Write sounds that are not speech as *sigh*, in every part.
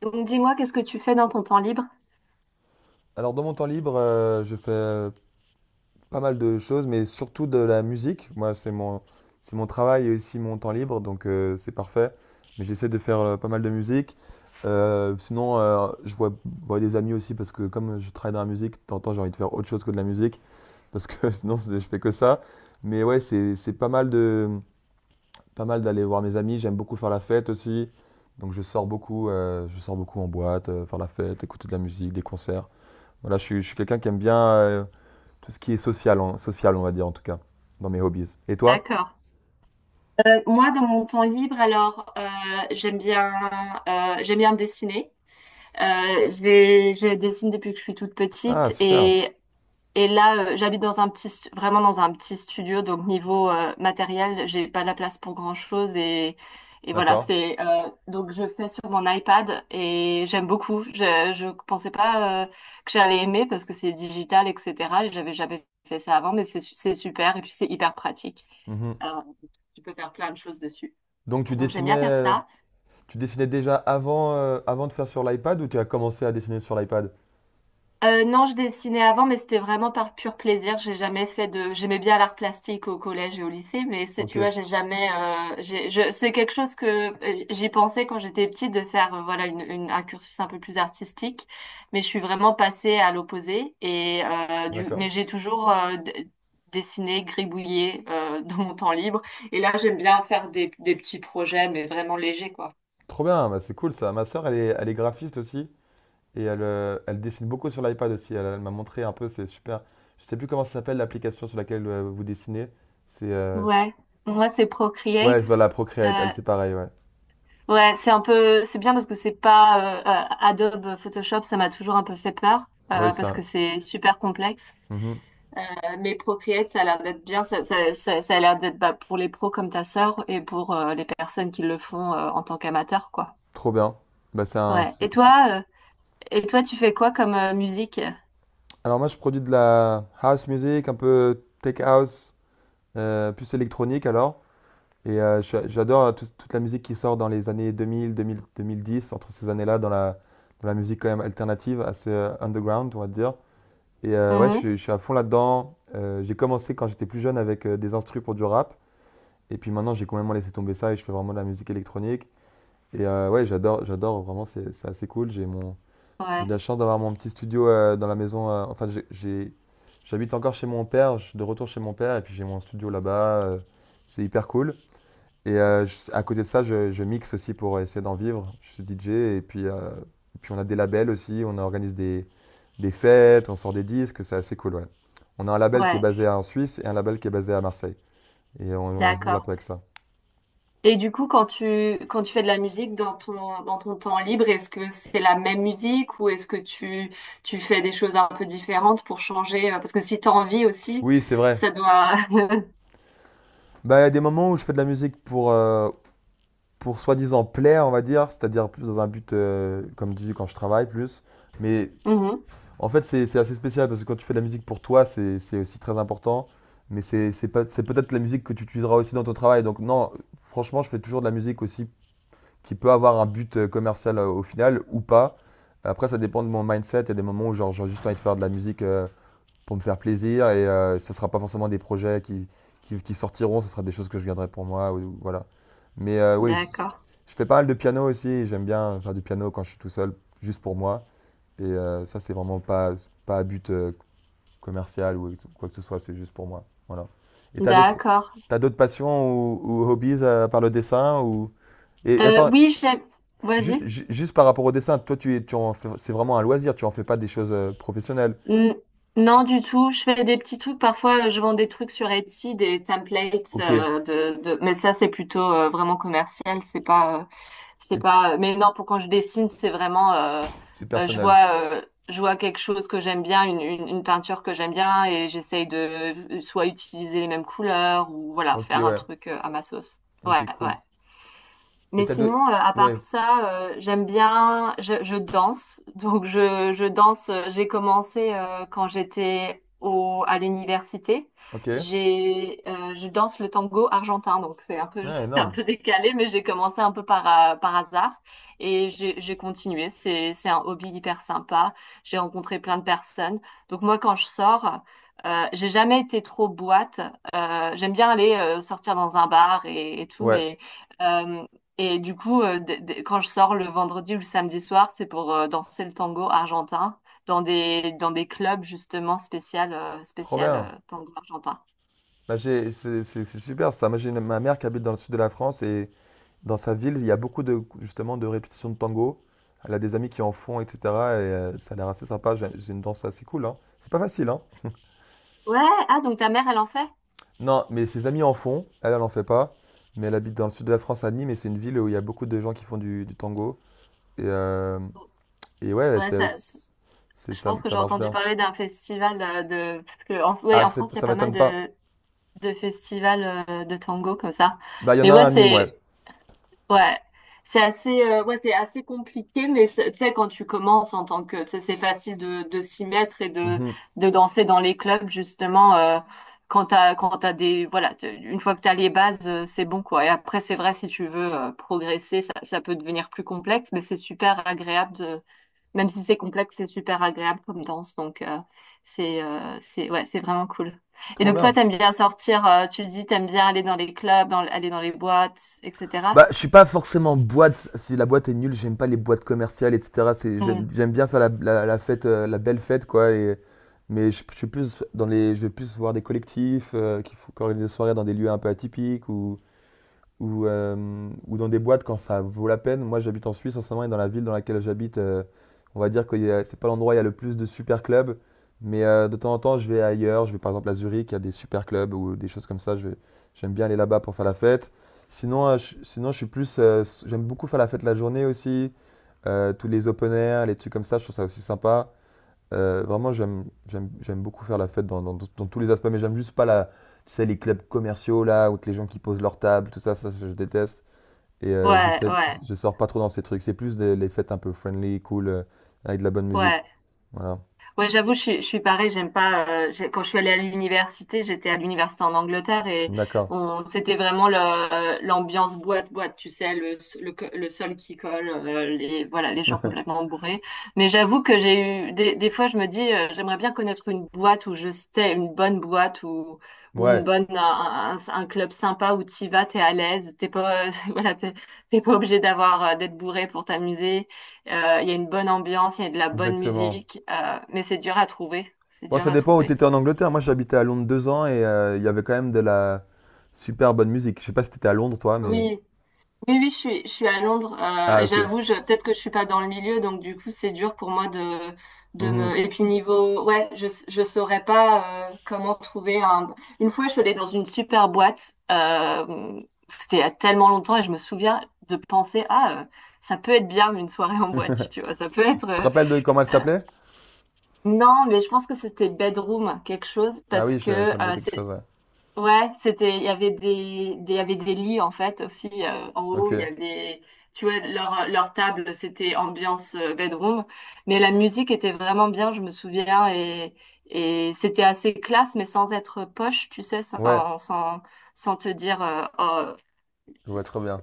Donc dis-moi, qu'est-ce que tu fais dans ton temps libre? Alors dans mon temps libre, je fais pas mal de choses, mais surtout de la musique. Moi, c'est mon travail et aussi mon temps libre, donc c'est parfait. Mais j'essaie de faire pas mal de musique. Sinon, vois des amis aussi parce que comme je travaille dans la musique, de temps en temps, j'ai envie de faire autre chose que de la musique parce que *laughs* sinon, je fais que ça. Mais ouais, c'est pas mal de, pas mal d'aller voir mes amis. J'aime beaucoup faire la fête aussi, donc je sors beaucoup en boîte, faire la fête, écouter de la musique, des concerts. Voilà, je suis quelqu'un qui aime bien. Tout ce qui est social, social, on va dire en tout cas, dans mes hobbies. Et toi? D'accord. Moi, dans mon temps libre, alors, j'aime bien, j'aime bien dessiner. Je dessine depuis que je suis toute Ah, petite super. et là, j'habite dans un petit, vraiment dans un petit studio, donc niveau matériel, j'ai pas la place pour grand-chose et voilà, D'accord. c'est donc je fais sur mon iPad et j'aime beaucoup. Je pensais pas que j'allais aimer parce que c'est digital, etc. Et j'avais jamais fait ça avant, mais c'est super et puis c'est hyper pratique. Mhm. Alors, tu peux faire plein de choses dessus. Donc Donc j'aime bien faire ça. tu dessinais déjà avant, avant de faire sur l'iPad ou tu as commencé à dessiner sur l'iPad? Non, je dessinais avant, mais c'était vraiment par pur plaisir. J'ai jamais fait de. J'aimais bien l'art plastique au collège et au lycée, mais c'est, Ok, tu vois, j'ai jamais. C'est quelque chose que j'y pensais quand j'étais petite de faire, voilà, un cursus un peu plus artistique, mais je suis vraiment passée à l'opposé. Mais d'accord. j'ai toujours dessiné, gribouillé dans mon temps libre. Et là, j'aime bien faire des petits projets, mais vraiment légers, quoi. Trop bien, bah, c'est cool ça. Ma sœur, elle est graphiste aussi et elle dessine beaucoup sur l'iPad aussi. Elle m'a montré un peu, c'est super. Je sais plus comment ça s'appelle l'application sur laquelle vous dessinez. C'est Ouais, moi, c'est ouais, Procreate. voilà, Procreate. Euh, Elle, c'est pareil, ouais. Ouais, c'est un peu, c'est bien parce que c'est pas Adobe Photoshop, ça m'a toujours un peu fait peur Ouais, parce ça. que c'est super complexe. Mhm. Mais Procreate, ça a l'air d'être bien, ça a l'air d'être bah, pour les pros comme ta sœur et pour les personnes qui le font en tant qu'amateurs, quoi. Trop bien. Bah, Ouais. Et toi, euh, et toi, tu fais quoi comme musique? alors moi, je produis de la house music, un peu tech house, plus électronique alors. Et j'adore toute la musique qui sort dans les années 2000, 2000, 2010, entre ces années-là, dans la musique quand même alternative, assez underground, on va dire. Et ouais, Mhm. Je suis à fond là-dedans. J'ai commencé quand j'étais plus jeune avec des instrus pour du rap. Et puis maintenant, j'ai complètement laissé tomber ça et je fais vraiment de la musique électronique. Et ouais, j'adore vraiment, c'est assez cool. J'ai Ouais, de la chance d'avoir mon petit studio dans la maison. J'habite encore chez mon père, je suis de retour chez mon père, et puis j'ai mon studio là-bas. C'est hyper cool. Et à côté de ça, je mixe aussi pour essayer d'en vivre. Je suis DJ, et puis, on a des labels aussi, des fêtes, on sort des disques, c'est assez cool, ouais. On a un label qui est ouais, basé en Suisse et un label qui est basé à Marseille. Et on, on se d'accord. développe avec ça. Et du coup, quand tu fais de la musique dans ton temps libre, est-ce que c'est la même musique ou est-ce que tu fais des choses un peu différentes pour changer? Parce que si t'as envie aussi, Oui, c'est vrai. ça doit... *laughs* Bah, il y a des moments où je fais de la musique pour soi-disant plaire, on va dire, c'est-à-dire plus dans un but, comme je dis quand je travaille plus. Mais Mhm. en fait, c'est assez spécial parce que quand tu fais de la musique pour toi, c'est aussi très important. Mais c'est pas- c'est peut-être la musique que tu utiliseras aussi dans ton travail. Donc non, franchement, je fais toujours de la musique aussi qui peut avoir un but commercial au final ou pas. Après, ça dépend de mon mindset. Il y a des moments où genre, j'ai juste envie de faire de la musique. Pour me faire plaisir. Et ça sera pas forcément des projets qui sortiront, ce sera des choses que je garderai pour moi. Voilà. Mais D'accord. je fais pas mal de piano aussi. J'aime bien faire du piano quand je suis tout seul, juste pour moi. Et ça, c'est vraiment pas, pas à but commercial ou quoi que ce soit, c'est juste pour moi. Voilà. Et D'accord. t'as d'autres passions ou hobbies par le dessin ou... et attends, Oui, j'aime... Vas-y. Juste par rapport au dessin, toi, tu, es- tu en fais- c'est vraiment un loisir, tu en fais pas des choses professionnelles. N- Non, du tout. Je fais des petits trucs. Parfois, je vends des trucs sur Etsy, des templates, Ok, mais ça, c'est plutôt vraiment commercial. C'est pas. C'est pas. Mais non, pour quand je dessine, c'est vraiment. Et euh, je personnelles. vois, euh, je vois quelque chose que j'aime bien, une peinture que j'aime bien, et j'essaye de soit utiliser les mêmes couleurs ou voilà, Ok, faire un ouais. truc à ma sauce. Ouais, Ok, ouais. cool. Et Mais t'as deux... sinon, à part Ouais, ça, j'aime bien, je danse. Donc, je danse. J'ai commencé quand j'étais à l'université. ok. Je danse le tango argentin. Donc, c'est un peu, *laughs* Ouais, c'est un énorme. peu décalé, mais j'ai commencé un peu par hasard et j'ai continué. C'est un hobby hyper sympa. J'ai rencontré plein de personnes. Donc, moi, quand je sors, j'ai jamais été trop boîte. J'aime bien aller sortir dans un bar et tout, Ouais, mais euh, et du coup, quand je sors le vendredi ou le samedi soir, c'est pour danser le tango argentin dans des clubs justement spécial, euh, trop spécial bien. Tango argentin. Bah, c'est super ça. Moi, ma mère qui habite dans le sud de la France et dans sa ville, il y a beaucoup de, justement, de répétitions de tango. Elle a des amis qui en font, etc. Et ça a l'air assez sympa. J'ai une danse assez cool, hein. C'est pas facile, hein. Ouais, ah donc ta mère, elle en fait? Non, mais ses amis en font. Elle, elle en fait pas. Mais elle habite dans le sud de la France, à Nîmes, et c'est une ville où il y a beaucoup de gens qui font du tango. Et, ouais, Ouais, je ça, pense que ça j'ai marche entendu bien. parler d'un festival de... Parce que en, ouais, Ah, en France, il y a ça pas mal m'étonne pas. de festivals de tango comme ça. Bah, il y en Mais a un à Nîmes, ouais. Ouais, ouais, c'est assez compliqué, mais tu sais, quand tu commences en tant que, tu sais, c'est facile de s'y mettre et de, Mhm. de danser dans les clubs, justement, quand t'as des, voilà, une fois que t'as les bases, c'est bon, quoi. Et après, c'est vrai, si tu veux, progresser, ça peut devenir plus complexe, mais c'est super agréable de, même si c'est complexe, c'est super agréable comme danse, donc, c'est, ouais, c'est vraiment cool. Et Trop donc, toi, bien. t'aimes bien sortir, tu dis, t'aimes bien aller dans les clubs, aller dans les boîtes, etc. Bah, je suis pas forcément boîte. Si la boîte est nulle, j'aime pas les boîtes commerciales, etc. C'est, j'aime bien faire la fête, la belle fête, quoi. Et, mais je suis plus dans les, je vais plus voir des collectifs qui organisent des soirées dans des lieux un peu atypiques ou dans des boîtes quand ça vaut la peine. Moi, j'habite en Suisse en ce moment et dans la ville dans laquelle j'habite, on va dire que c'est pas l'endroit où il y a le plus de super clubs, mais de temps en temps, je vais ailleurs. Je vais par exemple à Zurich, il y a des super clubs ou des choses comme ça. J'aime bien aller là-bas pour faire la fête. Sinon, sinon, je suis plus, j'aime beaucoup faire la fête la journée aussi. Tous les open air, les trucs comme ça, je trouve ça aussi sympa. Vraiment, j'aime beaucoup faire la fête dans tous les aspects, mais j'aime juste pas tu sais, les clubs commerciaux là, où que les gens qui posent leur table, tout ça, ça je déteste. Et Ouais, ouais, je sors pas trop dans ces trucs. C'est plus les fêtes un peu friendly, cool, avec de la bonne musique. ouais. Voilà. Ouais, j'avoue, je suis pareil, j'aime pas. Quand je suis allée à l'université, j'étais à l'université en Angleterre et D'accord. C'était vraiment l'ambiance boîte-boîte, tu sais, le sol qui colle, les, voilà, les gens *laughs* complètement bourrés. Mais j'avoue que j'ai eu. Des fois, je me dis, j'aimerais bien connaître une boîte où je stay, une bonne boîte ou une Ouais, bonne un club sympa où t'y vas, t'es à l'aise, t'es pas *laughs* voilà, t'es pas obligé d'avoir d'être bourré pour t'amuser. Il y a une bonne ambiance, il y a de la bonne exactement. musique, mais c'est dur à trouver. C'est Bon, dur ça à dépend où tu trouver. étais en Angleterre. Moi, j'habitais à Londres 2 ans et il y avait quand même de la super bonne musique. Je sais pas si t'étais à Londres, toi, mais. Oui, oui, oui, je suis à Londres. Ah, Et ok. j'avoue, peut-être que je suis pas dans le milieu, donc du coup, c'est dur pour moi de Mhm. me. Et puis niveau, ouais, je saurais pas comment trouver un. Une fois, je suis allée dans une super boîte. C'était il y a tellement longtemps et je me souviens de penser, ah, ça peut être bien une soirée en boîte, tu vois. Ça peut Tu être. te rappelles de comment elle euh, s'appelait? non, mais je pense que c'était bedroom quelque chose Ah parce oui, que ça me dit quelque c'est chose, ouais. ouais, c'était, il y avait des lits en fait aussi en haut. Il y Ok. avait, tu vois, leur table, c'était ambiance bedroom, mais la musique était vraiment bien, je me souviens, et c'était assez classe, mais sans être poche, tu sais, Ouais. sans te dire oh, Je vois très bien.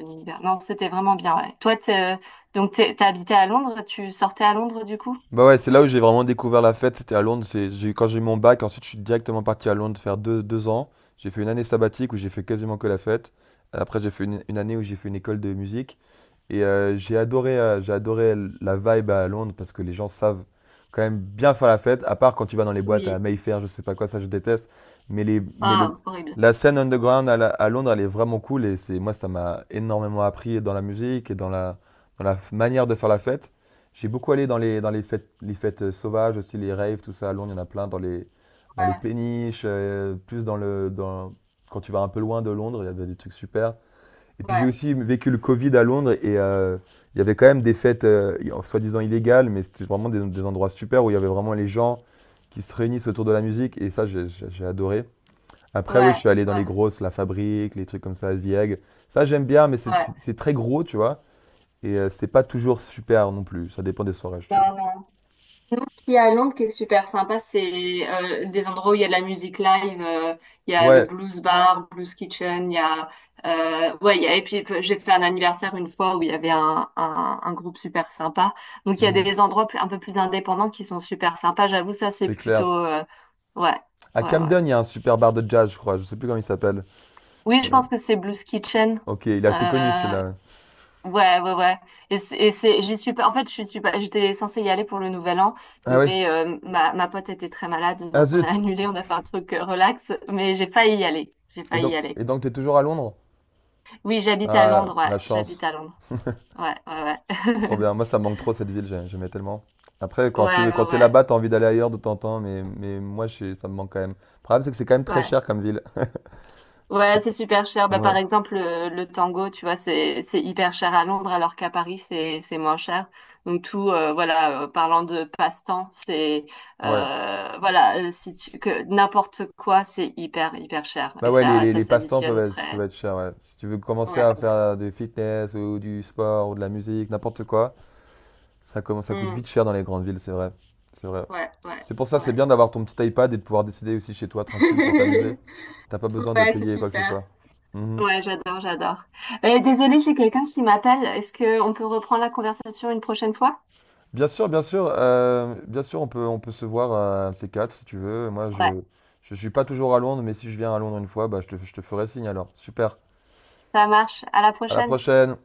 un univers. Non, c'était vraiment bien. Ouais. Toi, donc t'as habité à Londres, tu sortais à Londres du coup? Bah ouais, c'est là où j'ai vraiment découvert la fête, c'était à Londres. Quand j'ai eu mon bac, ensuite je suis directement parti à Londres faire 2 ans. J'ai fait une année sabbatique où j'ai fait quasiment que la fête. Après j'ai fait une année où j'ai fait une école de musique. Et j'ai adoré la vibe à Londres parce que les gens savent quand même bien faire la fête, à part quand tu vas dans les boîtes à Oui. Mayfair, je sais pas quoi, ça je déteste. Mais, Ah, horrible. la scène underground à Londres, elle est vraiment cool et moi, ça m'a énormément appris dans la musique et dans la manière de faire la fête. J'ai beaucoup allé dans les fêtes sauvages, aussi les raves, tout ça. À Londres, il y en a plein dans les Ouais, péniches, plus dans le, dans, quand tu vas un peu loin de Londres, il y avait des trucs super. Et puis j'ai ouais, aussi vécu le Covid à Londres et il y avait quand même des fêtes soi-disant illégales, mais c'était vraiment des endroits super où il y avait vraiment les gens qui se réunissent autour de la musique et ça j'ai adoré. Après oui, je ouais, suis allé dans ouais, les grosses, La Fabrique, les trucs comme ça, Zieg. Ça j'aime bien, mais ouais. C'est très gros, tu vois, et c'est pas toujours super non plus. Ça dépend des soirées, je trouve. Non, non. Il y a à Londres qui est super sympa, c'est des endroits où il y a de la musique live, il y a le Ouais, blues bar, blues kitchen, il y a ouais, il y a, et puis j'ai fait un anniversaire une fois où il y avait un groupe super sympa. Donc il y a mhm, des endroits un peu plus indépendants qui sont super sympas. J'avoue, ça c'est c'est clair. plutôt ouais, À ouais, ouais. Camden, il y a un super bar de jazz, je crois. Je sais plus comment il s'appelle. Oui, je pense que c'est Blues Kitchen. Ok, il est assez connu Euh, celui-là. Ouais, ouais, ouais. J'y suis pas. En fait, je suis pas. J'étais censée y aller pour le Nouvel An, Ah ouais. mais ma pote était très malade, Ah donc on a zut. *laughs* annulé. On a fait un truc relax, mais j'ai failli y aller. J'ai failli y aller. Et donc t'es toujours à Londres? Oui, j'habite à Ah, Londres. Ouais, la chance. j'habite à Londres. Ouais, ouais, ouais. Trop *laughs* bien. Moi, ça me manque trop cette ville, j'aimais tellement. Après, Ouais, ouais, quand t'es ouais. là-bas, t'as envie d'aller ailleurs de temps en temps, mais moi, ça me manque quand même. Le problème, c'est que c'est quand même très Ouais. cher comme ville. *laughs* Ouais, C'est c'est que- super cher. Bah, ouais. par exemple, le tango, tu vois, c'est hyper cher à Londres, alors qu'à Paris, c'est moins cher. Donc tout, voilà, parlant de passe-temps, c'est Ouais. Voilà, si tu, que n'importe quoi, c'est hyper hyper cher Bah et ouais, ça ça les passe-temps s'additionne peuvent très. être chers, ouais. Si tu veux commencer Ouais. à faire du fitness ou du sport ou de la musique, n'importe quoi, ça coûte vite Mm. cher dans les grandes villes, c'est vrai. C'est vrai. Ouais, ouais, C'est pour ça, c'est ouais. bien d'avoir ton petit iPad et de pouvoir décider aussi chez toi, tranquille, pour t'amuser. *laughs* T'as pas besoin de Ouais, c'est payer quoi que ce super. soit. Mhm. Ouais, j'adore, j'adore. Désolée, j'ai quelqu'un qui m'appelle. Est-ce que on peut reprendre la conversation une prochaine fois? Bien sûr, on peut se voir à un de ces quatre si tu veux. Ouais, Je suis pas toujours à Londres, mais si je viens à Londres une fois, bah, je te ferai signe alors. Super. ça marche. À la À la prochaine. prochaine.